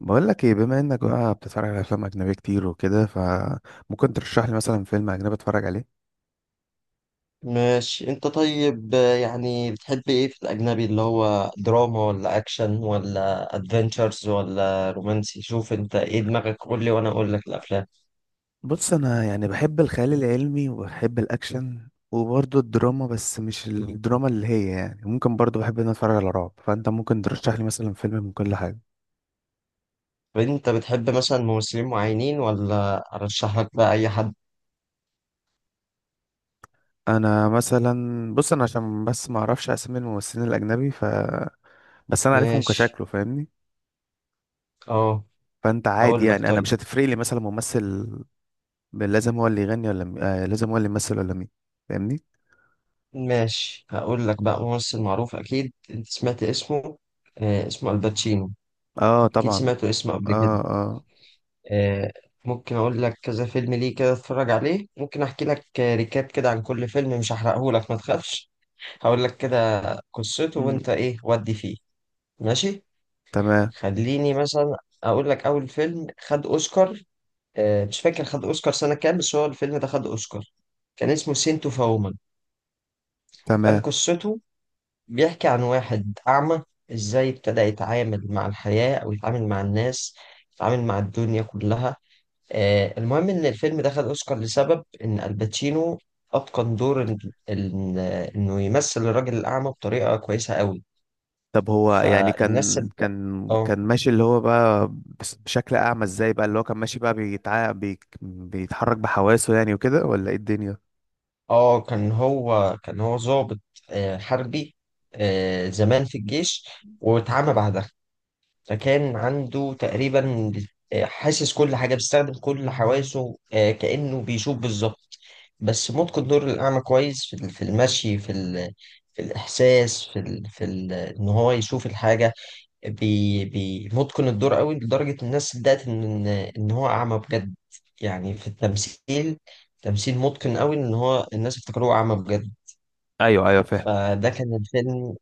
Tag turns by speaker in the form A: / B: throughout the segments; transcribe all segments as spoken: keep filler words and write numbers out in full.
A: بقول لك ايه، بما انك بقى بتتفرج على افلام اجنبيه كتير وكده، فممكن ترشح لي مثلا فيلم اجنبي اتفرج عليه؟
B: ماشي انت طيب، آه، يعني بتحب ايه في الاجنبي اللي هو دراما ولا اكشن ولا ادفنتشرز ولا رومانسي؟ شوف انت ايه دماغك، قول لي وانا اقول لك الافلام.
A: بص، انا يعني بحب الخيال العلمي وبحب الاكشن وبرضه الدراما، بس مش الدراما اللي هي يعني ممكن، برضه بحب ان أنا اتفرج على رعب، فانت ممكن ترشح لي مثلا فيلم من كل حاجه.
B: طب انت بتحب مثلا ممثلين معينين ولا ارشح لك بقى اي حد؟
A: انا مثلا، بص انا عشان بس ما اعرفش اسامي الممثلين الاجنبي، ف... بس انا عارفهم
B: ماشي،
A: كشكله، فاهمني؟
B: اه،
A: فانت عادي،
B: هقول لك.
A: يعني انا
B: طيب،
A: مش هتفرق لي مثلا ممثل لازم هو اللي يغني ولا م... آه لازم هو اللي يمثل ولا مين. فاهمني؟
B: ماشي، هقول لك بقى ممثل معروف اكيد انت سمعت اسمه. آه اسمه الباتشينو،
A: اه
B: اكيد
A: طبعا.
B: سمعته اسمه قبل كده.
A: اه اه.
B: آه، ممكن اقول لك كذا فيلم، ليه كده اتفرج عليه. ممكن احكي لك آه، ريكاب كده عن كل فيلم، مش هحرقه لك، ما تخافش. هقول لك كده قصته
A: مم.
B: وانت ايه ودي فيه. ماشي،
A: تمام.
B: خليني مثلا اقول لك اول فيلم خد اوسكار. آه، مش فاكر خد اوسكار سنة كام، بس هو الفيلم ده خد اوسكار. كان اسمه سينتو فومن. كان
A: تمام.
B: قصته بيحكي عن واحد اعمى، ازاي ابتدى يتعامل مع الحياة، او يتعامل مع الناس، يتعامل مع الدنيا كلها. آه، المهم إن الفيلم دخل أوسكار لسبب إن الباتشينو أتقن دور ال- ال- إنه يمثل الراجل الأعمى بطريقة كويسة قوي.
A: طب هو يعني
B: فالناس
A: كان
B: صدق.
A: كان
B: اه،
A: كان ماشي، اللي هو بقى بس- بشكل اعمى ازاي بقى اللي هو كان ماشي بقى بيتع... بي... بيتحرك بحواسه، يعني وكده، ولا ايه الدنيا؟
B: اه، كان هو كان هو ضابط، آه، حربي، آه، زمان في الجيش، واتعمى بعدها. فكان عنده تقريبا آه، حاسس كل حاجة، بيستخدم كل حواسه، آه، كأنه بيشوف بالظبط. بس ممكن الدور الأعمى كويس في ال- في المشي، في ال... في الإحساس، في ال... في ال... إن هو يشوف الحاجة. بي... بي... متقن الدور قوي لدرجة الناس صدقت إن إن هو أعمى بجد. يعني في التمثيل، تمثيل متقن قوي، إن هو الناس افتكروه أعمى بجد.
A: ايوه ايوه، فاهم.
B: فده كان الفيلم،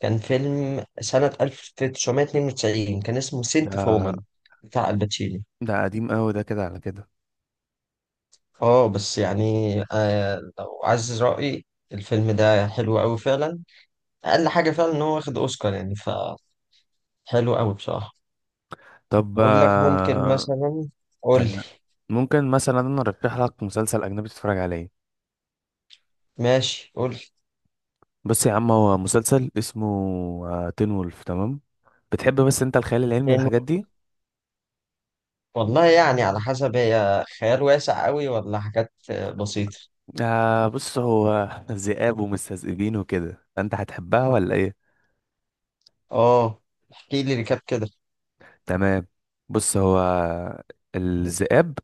B: كان فيلم سنة ألف وتسعمية واتنين وتسعين، كان اسمه
A: ده
B: سنت فومان بتاع الباتشينو.
A: ده قديم قوي ده، كده على كده.
B: اه، بس يعني، آه لو عايز رأيي، الفيلم ده حلو قوي فعلا. أقل حاجة فعلا إن هو واخد أوسكار، يعني فحلو قوي بصراحة.
A: طب
B: أقول لك ممكن
A: آه...
B: مثلا. قول لي.
A: تمام. ممكن مثلا انا ارشح لك مسلسل اجنبي تتفرج عليه؟
B: ماشي، قول لي.
A: بص يا عم، هو مسلسل اسمه آه، تين وولف، تمام. بتحب بس انت الخيال العلمي
B: فين؟
A: والحاجات دي؟
B: والله يعني على حسب، هي خيال واسع قوي ولا حاجات آه، بسيطة؟
A: آه بص، هو ذئاب ومستذئبين وكده، فانت هتحبها ولا ايه؟
B: اه، احكي لي ريكاب كده.
A: تمام. بص هو الذئاب،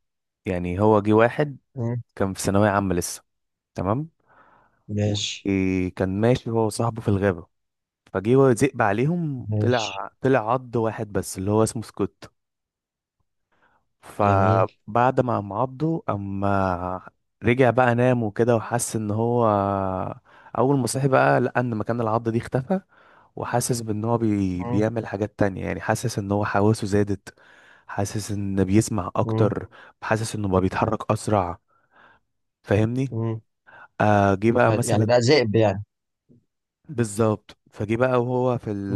A: يعني هو جه واحد
B: مم،
A: كان في ثانوية عامة لسه، تمام.
B: ماشي.
A: وكان ماشي هو وصاحبه في الغابة، فجه هو ذئب عليهم،
B: ماشي.
A: طلع طلع عض واحد بس اللي هو اسمه سكوت.
B: جميل.
A: فبعد ما قام عضه، اما رجع بقى نام وكده وحس ان هو، اول ما صحي بقى، لقى ان مكان العض دي اختفى، وحاسس بان هو بي...
B: مم.
A: بيعمل حاجات تانية، يعني حاسس ان هو حواسه زادت، حاسس ان بيسمع
B: مم.
A: اكتر، حاسس انه بقى بيتحرك اسرع. فاهمني؟
B: مم.
A: آه جه بقى
B: يعني
A: مثلا
B: بقى ذئب يعني؟
A: بالظبط، فجه بقى وهو في ال...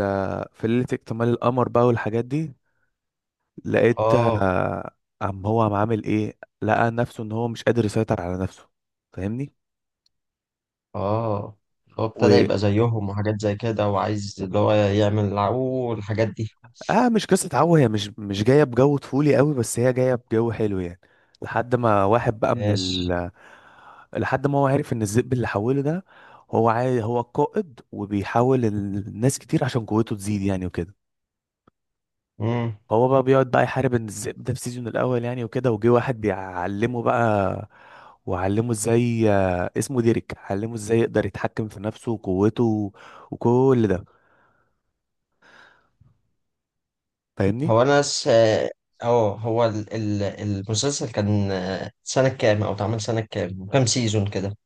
A: في ليلة اكتمال القمر بقى والحاجات دي. لقيت.
B: اه،
A: آه قام هو قام عامل ايه، لقى نفسه ان هو مش قادر يسيطر على نفسه. فاهمني؟
B: اه، هو ابتدى يبقى زيهم وحاجات زي كده، وعايز اللي هو يعمل عو، والحاجات دي.
A: اه، مش قصة عو، هي مش مش جاية بجو طفولي قوي، بس هي جاية بجو حلو يعني. لحد ما واحد بقى من
B: ماشي.
A: ال، لحد ما هو عارف ان الذئب اللي حوله ده هو عاي... هو القائد، وبيحاول الناس كتير عشان قوته تزيد، يعني وكده.
B: مم.
A: هو بقى بيقعد بقى يحارب ان الذئب ده في سيزون الاول، يعني وكده. وجه واحد بيعلمه بقى، وعلمه ازاي، آه، اسمه ديريك، علمه ازاي يقدر يتحكم في نفسه وقوته وكل ده. فاهمني؟
B: هو انا س... اه هو ال... ال... المسلسل كان آه، سنة كام، او اتعمل سنة كام، كام سيزون كده؟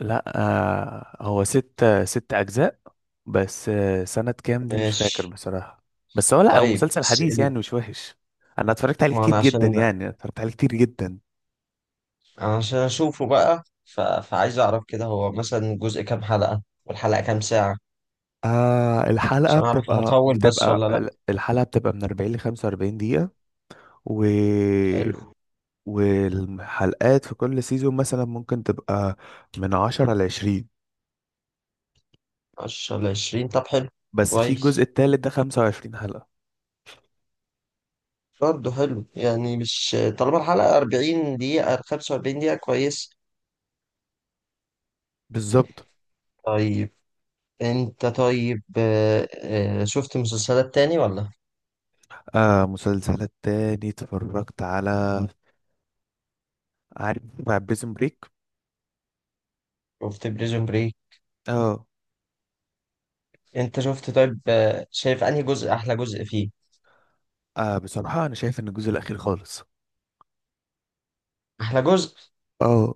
A: لا، آه، هو ست ست اجزاء. بس آه، سنة كام دي مش فاكر
B: ماشي.
A: بصراحة. بس هو لا، هو
B: طيب،
A: مسلسل
B: س...
A: حديث
B: ال-
A: يعني، مش وحش. انا اتفرجت عليه
B: ما
A: كتير
B: انا
A: جدا،
B: عشان
A: يعني اتفرجت عليه كتير جدا.
B: عشان اشوفه بقى، ف... فعايز اعرف كده، هو مثلا جزء كام حلقة، والحلقة كام ساعة؟
A: آه الحلقة
B: عشان اعرف
A: بتبقى
B: هطول بس
A: بتبقى
B: ولا لا.
A: الحلقة بتبقى من أربعين ل خمسة وأربعين دقيقة، و...
B: حلو.
A: والحلقات في كل سيزون مثلا ممكن تبقى من عشرة ل عشرين.
B: عشرة لعشرين، طب حلو.
A: بس في الجزء
B: كويس.
A: التالت ده خمسة وعشرين حلقة.
B: برضه حلو يعني، مش طالما الحلقة أربعين دقيقة، خمسة وأربعين دقيقة، كويس.
A: بالظبط.
B: طيب. أنت طيب، آه، آه، شفت مسلسلات تاني ولا؟
A: آه مسلسلات تاني اتفرجت على، عارف، مع بريزون بريك.
B: شفت بريزون بريك.
A: اه.
B: أنت شفت؟ طيب آه، شايف أنهي جزء أحلى جزء فيه؟
A: اه، بصراحة انا شايف ان الجزء الاخير خالص.
B: أحلى جزء.
A: اه.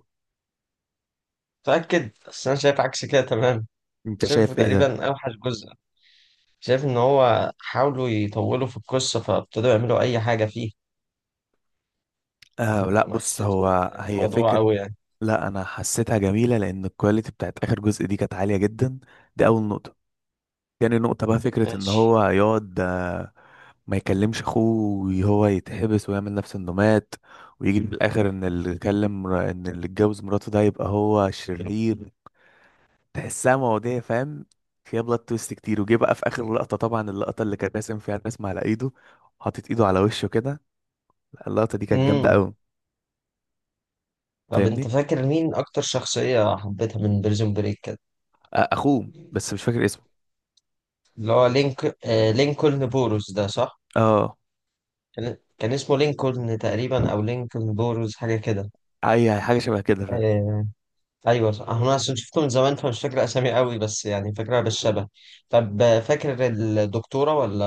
B: متأكد؟ بس أنا شايف عكس كده. تمام.
A: انت
B: شايفه
A: شايف ايه ده؟
B: تقريبا أوحش جزء. شايف إن هو حاولوا يطولوا في القصة، فابتدوا يعملوا أي حاجة فيه.
A: اه لا،
B: فما
A: بص
B: حسيتش
A: هو، هي
B: الموضوع
A: فكر،
B: أوي يعني.
A: لا انا حسيتها جميلة لان الكواليتي بتاعت اخر جزء دي كانت عالية جدا. دي اول نقطة. تاني نقطة بقى، فكرة ان
B: ماشي.
A: هو يقعد، آه، ما يكلمش اخوه، وهو يتحبس، ويعمل نفس انه مات، ويجي في الاخر ان اللي كلم، ان اللي اتجوز مراته ده يبقى هو شرير. تحسها مواضيع، فاهم، فيها بلوت تويست كتير. وجه بقى في اخر لقطه طبعا، اللقطه اللي كان راسم فيها الرسم على ايده، حاطط ايده على وشه كده، لا، اللقطه دي كانت جامده
B: مم.
A: قوي.
B: طب
A: فاهمني؟
B: انت فاكر مين اكتر شخصية حبيتها من بريزون بريك كده؟
A: آه، اخوه، بس مش فاكر اسمه.
B: اللي هو لينك آه لينكولن بوروس ده، صح؟
A: اه،
B: كان كان اسمه لينكولن تقريبا، او لينكولن بوروس، حاجة كده.
A: اي حاجه شبه كده، فاهم.
B: آه ايوه صح. انا عشان شفته من زمان فمش فاكر اسامي قوي، بس يعني فاكرها بالشبه. طب آه، فاكر الدكتورة ولا،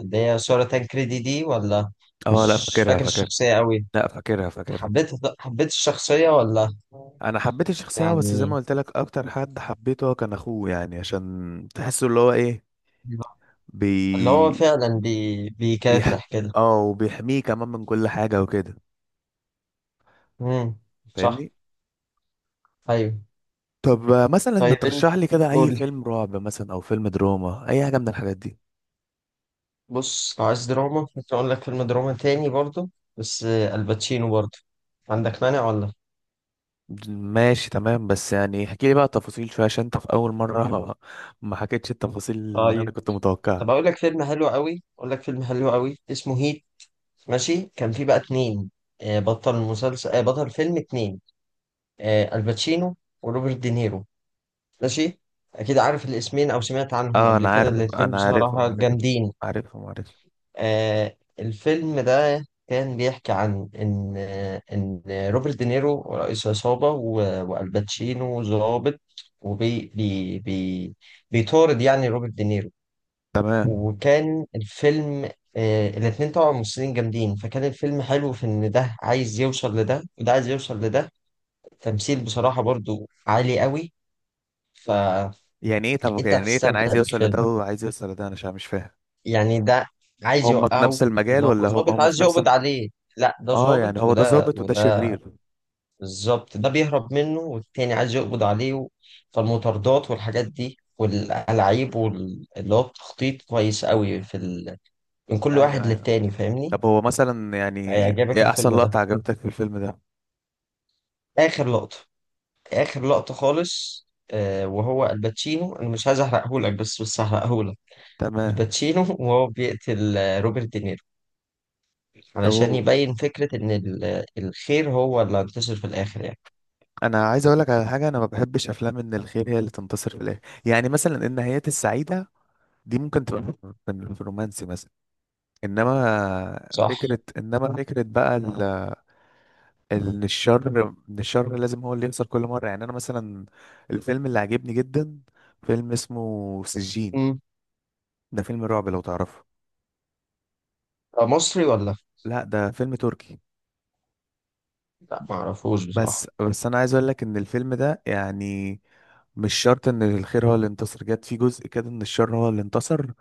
B: اللي هي سارة تانكريدي دي، ولا؟
A: اه لا،
B: مش
A: فاكرها
B: فاكر
A: فاكرها.
B: الشخصية قوي.
A: لا، فاكرها فاكرها.
B: حبيت، حبيت الشخصية ولا
A: انا حبيت الشخصيه، بس زي ما
B: يعني
A: قلت لك اكتر حد حبيته هو كان اخوه، يعني عشان تحسه اللي هو ايه بي
B: اللي هو فعلا بي...
A: بيح
B: بيكافح كده.
A: اه، وبيحميه كمان من كل حاجه وكده.
B: امم. صح.
A: فاهمني؟
B: ايوه.
A: طب آه، مثلا ما
B: طيب انت
A: ترشح لي كده
B: قول
A: اي
B: لي.
A: فيلم رعب مثلا او فيلم دراما، اي حاجه من الحاجات دي؟
B: بص، لو عايز دراما ممكن اقول لك فيلم دراما تاني برضه، بس آه، الباتشينو برضه، عندك مانع ولا؟
A: ماشي تمام، بس يعني احكي لي بقى تفاصيل شويه، عشان انت في اول مره ما ما حكيتش التفاصيل اللي انا
B: طيب.
A: كنت متوقعها.
B: طب اقول لك فيلم حلو قوي، اقول لك فيلم حلو قوي، اسمه هيت. ماشي، كان فيه بقى اتنين، آه، بطل مسلسل، آه، بطل فيلم اتنين، آه، الباتشينو وروبرت دينيرو. ماشي. اكيد عارف الاسمين، او سمعت عنهم
A: اه
B: قبل
A: انا
B: كده،
A: عارف
B: الاتنين
A: انا عارفهم
B: بصراحة
A: عارفهم
B: جامدين.
A: عارفهم عارفهم.
B: آه الفيلم ده كان بيحكي عن إن إن روبرت دينيرو رئيس عصابة، و- والباتشينو ضابط، وبي بي بي بيطارد يعني روبرت دينيرو.
A: تمام.
B: وكان الفيلم، آه الاتنين طبعا ممثلين جامدين، فكان الفيلم حلو في إن ده عايز يوصل لده وده عايز يوصل لده. التمثيل بصراحة برضو عالي قوي. فأنت
A: يعني ايه، طب يعني ايه كان
B: هتستمتع
A: عايز يوصل لده
B: بالفيلم.
A: وعايز يوصل لده، انا مش مش فاهم.
B: يعني ده عايز
A: هم في
B: يوقعه،
A: نفس المجال،
B: اللي هو
A: ولا هم
B: ظابط
A: هم في
B: عايز
A: نفس
B: يقبض
A: الم-؟
B: عليه. لا ده
A: اه يعني
B: ظابط
A: هو ده
B: وده
A: ظابط وده
B: وده
A: شرير.
B: بالظبط، ده بيهرب منه والتاني عايز يقبض عليه و- فالمطاردات والحاجات دي والألعاب واللي هو التخطيط كويس قوي في ال... من كل واحد
A: ايوه ايوه.
B: للتاني، فاهمني؟
A: طب هو مثلا يعني
B: هيعجبك
A: ايه احسن
B: الفيلم ده.
A: لقطه عجبتك في الفيلم ده؟
B: آخر لقطة، آخر لقطة خالص، آه وهو الباتشينو، أنا مش عايز أحرقهولك، بس بس هحرقهولك.
A: تمام.
B: الباتشينو وهو بيقتل آه، روبرت دينيرو، علشان
A: اوه.
B: يبين فكرة إن ال- الخير هو اللي هينتصر في الآخر يعني.
A: انا عايز اقول لك على حاجه، انا ما بحبش افلام ان الخير هي اللي تنتصر في الاخر، يعني مثلا النهايات السعيده دي ممكن تبقى في ال- في الرومانسي مثلا، انما
B: صح؟
A: فكره انما فكره بقى ال-، ان الشر ان الشر لازم هو اللي يخسر كل مره. يعني انا مثلا، الفيلم اللي عجبني جدا، فيلم اسمه سجين.
B: مم.
A: ده فيلم رعب، لو تعرفه.
B: ده مصري ولا؟
A: لا، ده فيلم تركي.
B: لا، معرفوش
A: بس
B: بصراحة.
A: بس انا عايز اقول لك ان الفيلم ده يعني مش شرط ان الخير هو اللي انتصر، جت في جزء كده ان الشر هو اللي انتصر.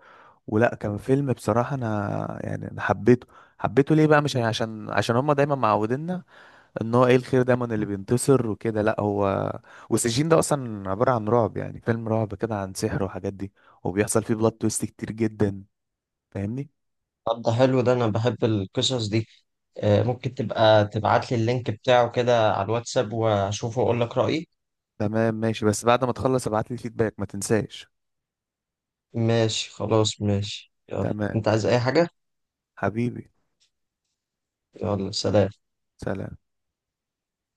A: ولا كان فيلم، بصراحة أنا يعني أنا حبيته. حبيته ليه بقى؟ مش عشان عشان هما دايما معوديننا إن هو إيه الخير دايما اللي بينتصر وكده. لأ، هو والسجين ده أصلا عبارة عن رعب، يعني فيلم رعب كده عن سحر وحاجات دي، وبيحصل فيه بلوت تويست كتير جدا. فاهمني؟
B: طب ده حلو، ده أنا بحب القصص دي. آه، ممكن تبقى تبعت لي اللينك بتاعه كده على الواتساب، وأشوفه وأقول لك رأيي.
A: تمام ماشي، بس بعد ما تخلص ابعتلي فيدباك ما تنساش.
B: ماشي، خلاص ماشي، يلا
A: تمام.
B: أنت عايز أي حاجة؟
A: حبيبي.
B: يلا سلام.
A: سلام.